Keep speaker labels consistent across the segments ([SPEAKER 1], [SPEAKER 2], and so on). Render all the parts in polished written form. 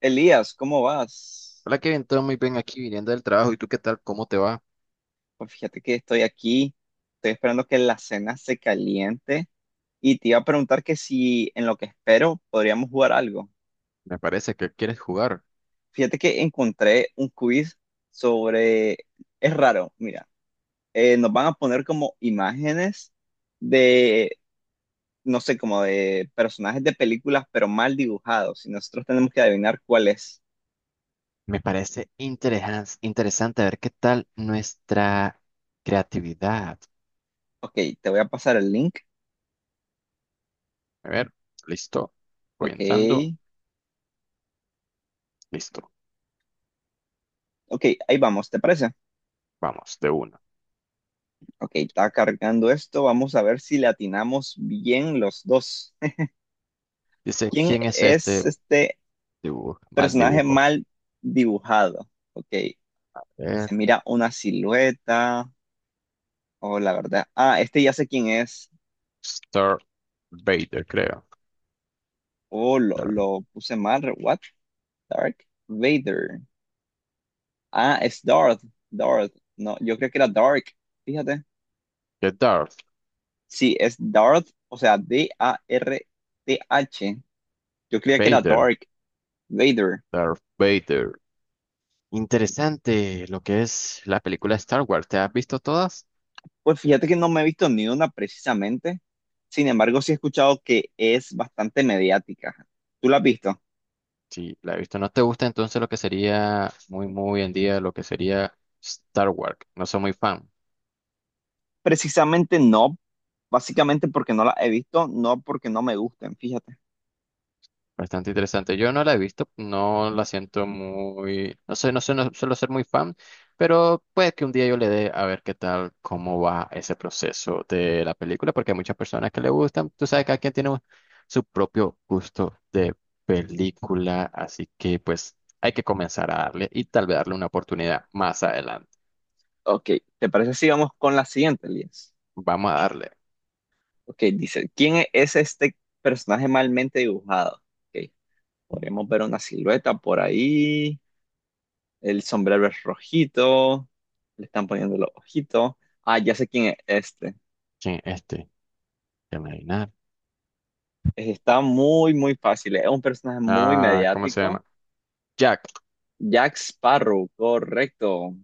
[SPEAKER 1] Elías, ¿cómo vas?
[SPEAKER 2] Hola Kevin, todo muy bien aquí viniendo del trabajo. ¿Y tú qué tal? ¿Cómo te va?
[SPEAKER 1] Pues fíjate que estoy aquí, estoy esperando que la cena se caliente y te iba a preguntar que si en lo que espero podríamos jugar algo.
[SPEAKER 2] Me parece que quieres jugar.
[SPEAKER 1] Fíjate que encontré un quiz sobre, es raro, mira, nos van a poner como imágenes de, no sé, como de personajes de películas, pero mal dibujados y nosotros tenemos que adivinar cuál es.
[SPEAKER 2] Me parece interesante interesante ver qué tal nuestra creatividad.
[SPEAKER 1] Ok, te voy a pasar el link.
[SPEAKER 2] A ver, listo. Voy
[SPEAKER 1] Ok,
[SPEAKER 2] entrando. Listo.
[SPEAKER 1] ok, ahí vamos, ¿te parece?
[SPEAKER 2] Vamos, de uno.
[SPEAKER 1] Ok, está cargando esto. Vamos a ver si le atinamos bien los dos.
[SPEAKER 2] Dice,
[SPEAKER 1] ¿Quién
[SPEAKER 2] ¿quién es
[SPEAKER 1] es
[SPEAKER 2] este
[SPEAKER 1] este
[SPEAKER 2] dibujo? Mal
[SPEAKER 1] personaje
[SPEAKER 2] dibujo.
[SPEAKER 1] mal dibujado? Ok,
[SPEAKER 2] Eh,
[SPEAKER 1] se mira una silueta. Oh, la verdad. Ah, este ya sé quién es.
[SPEAKER 2] Star Vader, creo.
[SPEAKER 1] Oh, lo,
[SPEAKER 2] Darth
[SPEAKER 1] lo puse mal. What? Dark Vader. Ah, es Darth. Darth. No, yo creo que era Dark. Fíjate.
[SPEAKER 2] de Darth
[SPEAKER 1] Sí, es Darth. O sea, Darth. Yo creía que era
[SPEAKER 2] Vader.
[SPEAKER 1] Dark Vader.
[SPEAKER 2] Darth Vader. Interesante lo que es la película Star Wars. ¿Te has visto todas?
[SPEAKER 1] Pues fíjate que no me he visto ni una precisamente. Sin embargo, sí he escuchado que es bastante mediática. ¿Tú la has visto?
[SPEAKER 2] Sí, la he visto. ¿No te gusta entonces lo que sería muy, muy en día, lo que sería Star Wars? No soy muy fan.
[SPEAKER 1] Precisamente no, básicamente porque no la he visto, no porque no me gusten, fíjate.
[SPEAKER 2] Bastante interesante. Yo no la he visto, no la siento muy, no sé, no sé, no suelo ser muy fan, pero puede que un día yo le dé a ver qué tal, cómo va ese proceso de la película, porque hay muchas personas que le gustan. Tú sabes que cada quien tiene un- su propio gusto de película, así que pues hay que comenzar a darle y tal vez darle una oportunidad más adelante.
[SPEAKER 1] Ok, ¿te parece si vamos con la siguiente, Elías?
[SPEAKER 2] Vamos a darle.
[SPEAKER 1] Ok, dice, ¿quién es este personaje malmente dibujado? Ok, podríamos ver una silueta por ahí, el sombrero es rojito, le están poniendo los ojitos. Ah, ya sé quién es este.
[SPEAKER 2] Sí, este. Déjame adivinar.
[SPEAKER 1] Está muy, muy fácil. Es un personaje muy
[SPEAKER 2] Ah, ¿cómo se
[SPEAKER 1] mediático.
[SPEAKER 2] llama? Jack
[SPEAKER 1] Jack Sparrow, correcto.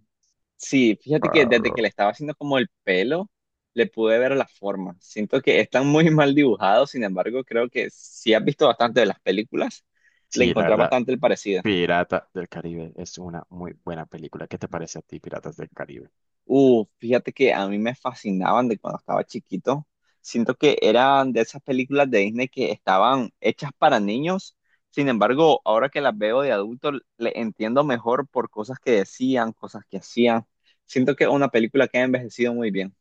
[SPEAKER 1] Sí, fíjate que desde que le
[SPEAKER 2] Sparrow.
[SPEAKER 1] estaba haciendo como el pelo, le pude ver la forma. Siento que están muy mal dibujados, sin embargo, creo que si has visto bastante de las películas, le
[SPEAKER 2] Sí, la
[SPEAKER 1] encontrás
[SPEAKER 2] verdad,
[SPEAKER 1] bastante el parecido.
[SPEAKER 2] Pirata del Caribe es una muy buena película. ¿Qué te parece a ti, Piratas del Caribe?
[SPEAKER 1] Fíjate que a mí me fascinaban de cuando estaba chiquito. Siento que eran de esas películas de Disney que estaban hechas para niños. Sin embargo, ahora que las veo de adulto, le entiendo mejor por cosas que decían, cosas que hacían. Siento que es una película que ha envejecido muy bien.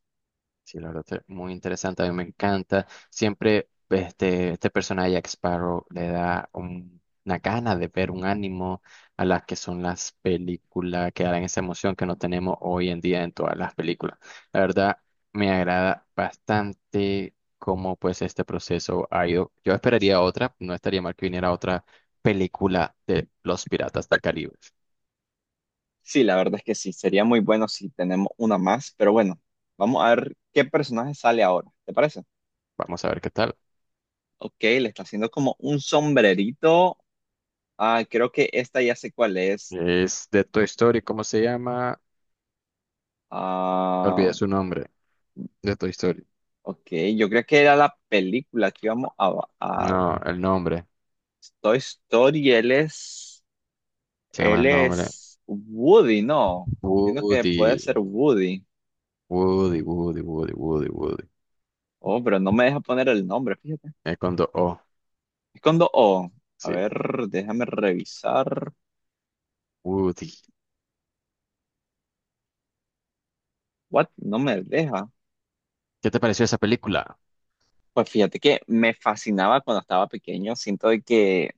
[SPEAKER 2] Sí, la verdad, es muy interesante, a mí me encanta. Siempre este, este personaje, Jack Sparrow, le da un- una gana de ver un ánimo a las que son las películas, que dan esa emoción que no tenemos hoy en día en todas las películas. La verdad, me agrada bastante cómo pues este proceso ha ido. Yo esperaría otra, no estaría mal que viniera otra película de Los Piratas del Caribe.
[SPEAKER 1] Sí, la verdad es que sí. Sería muy bueno si tenemos una más. Pero bueno, vamos a ver qué personaje sale ahora. ¿Te parece?
[SPEAKER 2] Vamos a ver qué tal.
[SPEAKER 1] Ok, le está haciendo como un sombrerito. Ah, creo que esta ya sé cuál es.
[SPEAKER 2] Es de Toy Story, ¿cómo se llama?
[SPEAKER 1] Ah,
[SPEAKER 2] Olvidé su nombre, de Toy Story.
[SPEAKER 1] ok, yo creo que era la película que íbamos a
[SPEAKER 2] No, el nombre.
[SPEAKER 1] Toy Story.
[SPEAKER 2] Se llama
[SPEAKER 1] Él
[SPEAKER 2] el nombre.
[SPEAKER 1] es Woody, ¿no? Entiendo que puede
[SPEAKER 2] Woody.
[SPEAKER 1] ser Woody.
[SPEAKER 2] Woody, Woody, Woody, Woody, Woody.
[SPEAKER 1] Oh, pero no me deja poner el nombre, fíjate.
[SPEAKER 2] Es con dos O.
[SPEAKER 1] Es cuando, oh, a
[SPEAKER 2] Sí.
[SPEAKER 1] ver, déjame revisar.
[SPEAKER 2] Woody.
[SPEAKER 1] What? No me deja.
[SPEAKER 2] ¿Qué te pareció esa película?
[SPEAKER 1] Pues fíjate que me fascinaba cuando estaba pequeño.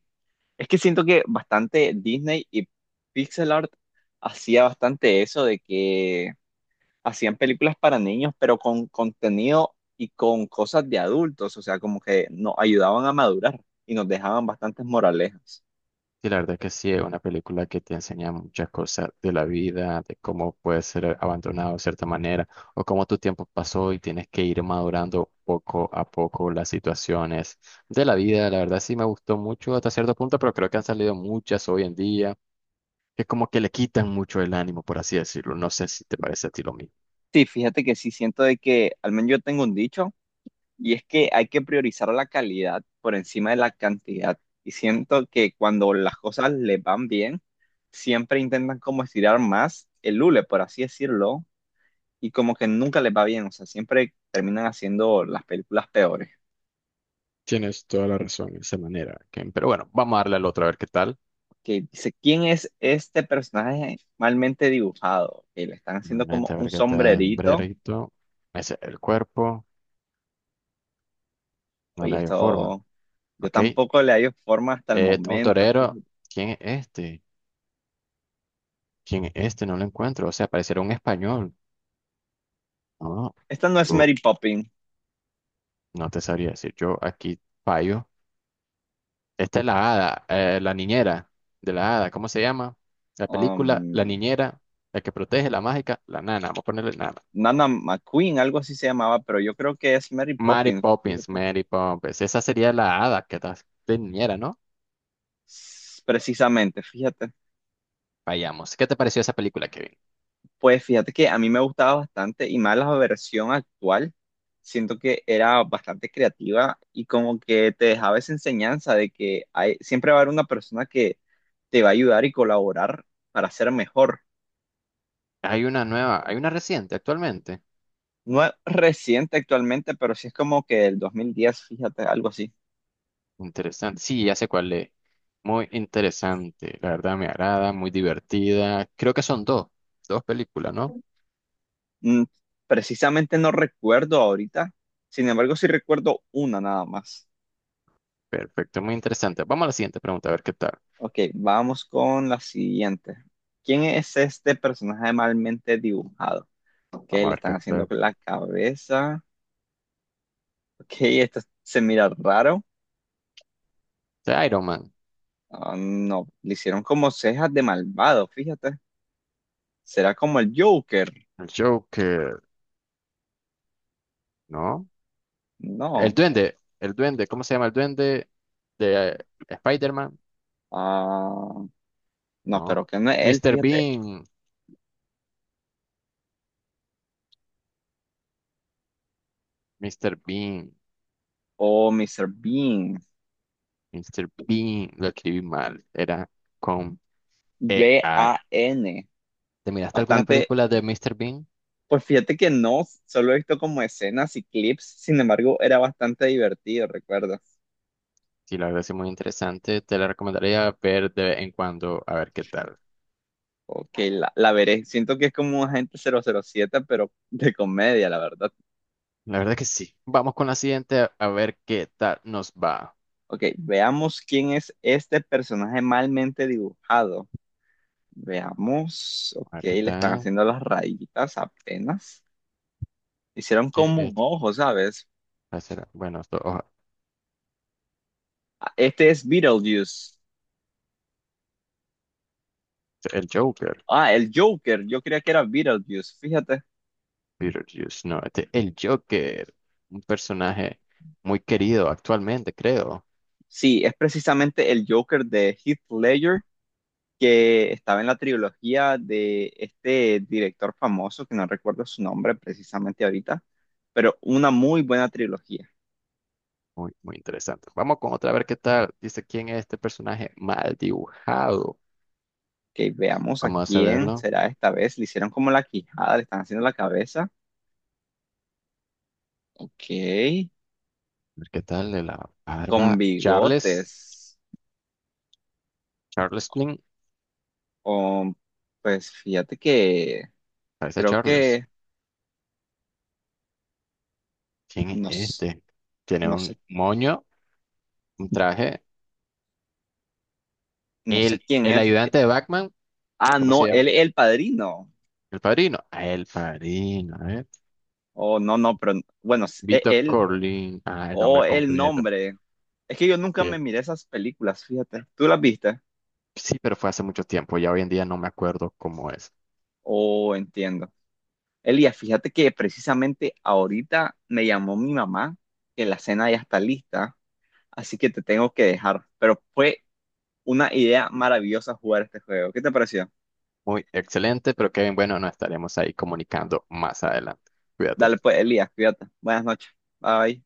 [SPEAKER 1] Es que siento que bastante Disney y Pixel Art hacía bastante eso de que hacían películas para niños, pero con contenido y con cosas de adultos, o sea, como que nos ayudaban a madurar y nos dejaban bastantes moralejas.
[SPEAKER 2] Sí, la verdad que sí, es una película que te enseña muchas cosas de la vida, de cómo puedes ser abandonado de cierta manera, o cómo tu tiempo pasó y tienes que ir madurando poco a poco las situaciones de la vida. La verdad sí me gustó mucho hasta cierto punto, pero creo que han salido muchas hoy en día, que como que le quitan mucho el ánimo, por así decirlo. No sé si te parece a ti lo mismo.
[SPEAKER 1] Sí, fíjate que sí siento de que, al menos yo tengo un dicho, y es que hay que priorizar la calidad por encima de la cantidad. Y siento que cuando las cosas les van bien, siempre intentan como estirar más el hule, por así decirlo, y como que nunca les va bien, o sea, siempre terminan haciendo las películas peores.
[SPEAKER 2] Tienes toda la razón de esa manera, Ken. Pero bueno, vamos a darle al otro a ver qué tal.
[SPEAKER 1] Que dice, ¿quién es este personaje malmente dibujado? Que le están haciendo como
[SPEAKER 2] Nuevamente, a
[SPEAKER 1] un
[SPEAKER 2] ver qué tal,
[SPEAKER 1] sombrerito.
[SPEAKER 2] brerito. Ese el cuerpo, no
[SPEAKER 1] Oye,
[SPEAKER 2] le dio forma.
[SPEAKER 1] esto yo
[SPEAKER 2] Ok.
[SPEAKER 1] tampoco le hallo forma hasta el
[SPEAKER 2] Un
[SPEAKER 1] momento.
[SPEAKER 2] torero,
[SPEAKER 1] Fíjate.
[SPEAKER 2] ¿quién es este? ¿Quién es este? No lo encuentro. O sea, pareciera un español. No,
[SPEAKER 1] Esta no es
[SPEAKER 2] tú
[SPEAKER 1] Mary Poppins.
[SPEAKER 2] no te sabría decir. Yo aquí fallo. Esta es la hada, la niñera de la hada. ¿Cómo se llama? La película, la
[SPEAKER 1] um,
[SPEAKER 2] niñera, la que protege, la mágica, la nana. Vamos a ponerle nana.
[SPEAKER 1] Nana McQueen, algo así se llamaba, pero yo creo que es Mary
[SPEAKER 2] Mary
[SPEAKER 1] Poppins,
[SPEAKER 2] Poppins,
[SPEAKER 1] fíjate.
[SPEAKER 2] Mary Poppins. Esa sería la hada que está de niñera, ¿no?
[SPEAKER 1] S- Precisamente, fíjate.
[SPEAKER 2] Vayamos. ¿Qué te pareció esa película, Kevin?
[SPEAKER 1] Pues fíjate que a mí me gustaba bastante y más la versión actual. Siento que era bastante creativa y como que te dejaba esa enseñanza de que hay, siempre va a haber una persona que te va a ayudar y colaborar para ser mejor.
[SPEAKER 2] Hay una nueva, hay una reciente actualmente.
[SPEAKER 1] No es reciente actualmente, pero sí es como que el 2010, fíjate, algo así.
[SPEAKER 2] Interesante. Sí, ya sé cuál es. Muy interesante. La verdad me agrada, muy divertida. Creo que son dos, dos películas, ¿no?
[SPEAKER 1] Mm, precisamente no recuerdo ahorita, sin embargo sí recuerdo una nada más.
[SPEAKER 2] Perfecto, muy interesante. Vamos a la siguiente pregunta, a ver qué tal.
[SPEAKER 1] Ok, vamos con la siguiente. ¿Quién es este personaje malmente dibujado? Ok,
[SPEAKER 2] Vamos a
[SPEAKER 1] le
[SPEAKER 2] ver qué
[SPEAKER 1] están haciendo
[SPEAKER 2] tal.
[SPEAKER 1] la cabeza. Ok, esto se mira raro.
[SPEAKER 2] De Iron Man.
[SPEAKER 1] Ah, no, le hicieron como cejas de malvado, fíjate. ¿Será como el Joker?
[SPEAKER 2] El Joker, ¿no?
[SPEAKER 1] No.
[SPEAKER 2] El Duende, ¿cómo se llama el Duende de Spider-Man?
[SPEAKER 1] Ah, no,
[SPEAKER 2] No.
[SPEAKER 1] pero que no es él,
[SPEAKER 2] Mr.
[SPEAKER 1] fíjate.
[SPEAKER 2] Bean, Mr. Bean,
[SPEAKER 1] O Mr. Bean.
[SPEAKER 2] Mr. Bean, lo escribí mal, era con EA.
[SPEAKER 1] BAN.
[SPEAKER 2] ¿Te miraste alguna
[SPEAKER 1] Bastante.
[SPEAKER 2] película de Mr. Bean?
[SPEAKER 1] Pues fíjate que no, solo he visto como escenas y clips. Sin embargo, era bastante divertido, ¿recuerdas?
[SPEAKER 2] Sí, la verdad es muy interesante, te la recomendaría ver de vez en cuando, a ver qué tal.
[SPEAKER 1] Ok, la veré. Siento que es como Agente 007, pero de comedia, la verdad.
[SPEAKER 2] La verdad que sí. Vamos con la siguiente, a ver qué tal nos va.
[SPEAKER 1] Ok, veamos quién es este personaje malmente dibujado. Veamos. Ok,
[SPEAKER 2] A ver qué
[SPEAKER 1] le están
[SPEAKER 2] tal.
[SPEAKER 1] haciendo las rayitas apenas. Hicieron
[SPEAKER 2] ¿Qué
[SPEAKER 1] como un
[SPEAKER 2] es?
[SPEAKER 1] ojo, ¿sabes?
[SPEAKER 2] Va a ser- Bueno, esto, ojo,
[SPEAKER 1] Ah, este es Beetlejuice.
[SPEAKER 2] el Joker.
[SPEAKER 1] Ah, el Joker. Yo creía que era Beetlejuice. Fíjate.
[SPEAKER 2] Beetlejuice, no, este- el Joker, un personaje muy querido actualmente, creo.
[SPEAKER 1] Sí, es precisamente el Joker de Heath Ledger que estaba en la trilogía de este director famoso, que no recuerdo su nombre precisamente ahorita, pero una muy buena trilogía.
[SPEAKER 2] Muy, muy interesante. Vamos con otra, a ver qué tal. Dice quién es este personaje mal dibujado.
[SPEAKER 1] Que veamos a
[SPEAKER 2] Vamos a
[SPEAKER 1] quién
[SPEAKER 2] verlo.
[SPEAKER 1] será esta vez. Le hicieron como la quijada, le están haciendo la cabeza. Ok,
[SPEAKER 2] A ver qué tal de la
[SPEAKER 1] con
[SPEAKER 2] barba. Charles,
[SPEAKER 1] bigotes.
[SPEAKER 2] Charles Plin,
[SPEAKER 1] Oh, pues fíjate que
[SPEAKER 2] parece a
[SPEAKER 1] creo
[SPEAKER 2] Charles.
[SPEAKER 1] que
[SPEAKER 2] ¿Quién es
[SPEAKER 1] no, s-
[SPEAKER 2] este? Tiene
[SPEAKER 1] no sé,
[SPEAKER 2] un moño, un traje.
[SPEAKER 1] no sé quién
[SPEAKER 2] El
[SPEAKER 1] es.
[SPEAKER 2] ayudante de Batman,
[SPEAKER 1] Ah,
[SPEAKER 2] ¿cómo se
[SPEAKER 1] no,
[SPEAKER 2] llama?
[SPEAKER 1] él es el padrino.
[SPEAKER 2] El padrino. Ah, el padrino, ¿eh?
[SPEAKER 1] Oh, no, no, pero bueno, s- e-
[SPEAKER 2] Vito
[SPEAKER 1] él,
[SPEAKER 2] Corleone, ah, el nombre
[SPEAKER 1] o el
[SPEAKER 2] completo.
[SPEAKER 1] nombre. Es que yo nunca me
[SPEAKER 2] Sí.
[SPEAKER 1] miré esas películas, fíjate. ¿Tú las viste?
[SPEAKER 2] Sí, pero fue hace mucho tiempo, ya hoy en día no me acuerdo cómo es.
[SPEAKER 1] Oh, entiendo. Elías, fíjate que precisamente ahorita me llamó mi mamá que la cena ya está lista, así que te tengo que dejar. Pero fue una idea maravillosa jugar este juego. ¿Qué te pareció?
[SPEAKER 2] Muy excelente, pero Kevin, bueno, nos estaremos ahí comunicando más adelante. Cuídate.
[SPEAKER 1] Dale pues, Elías, cuídate. Buenas noches. Bye.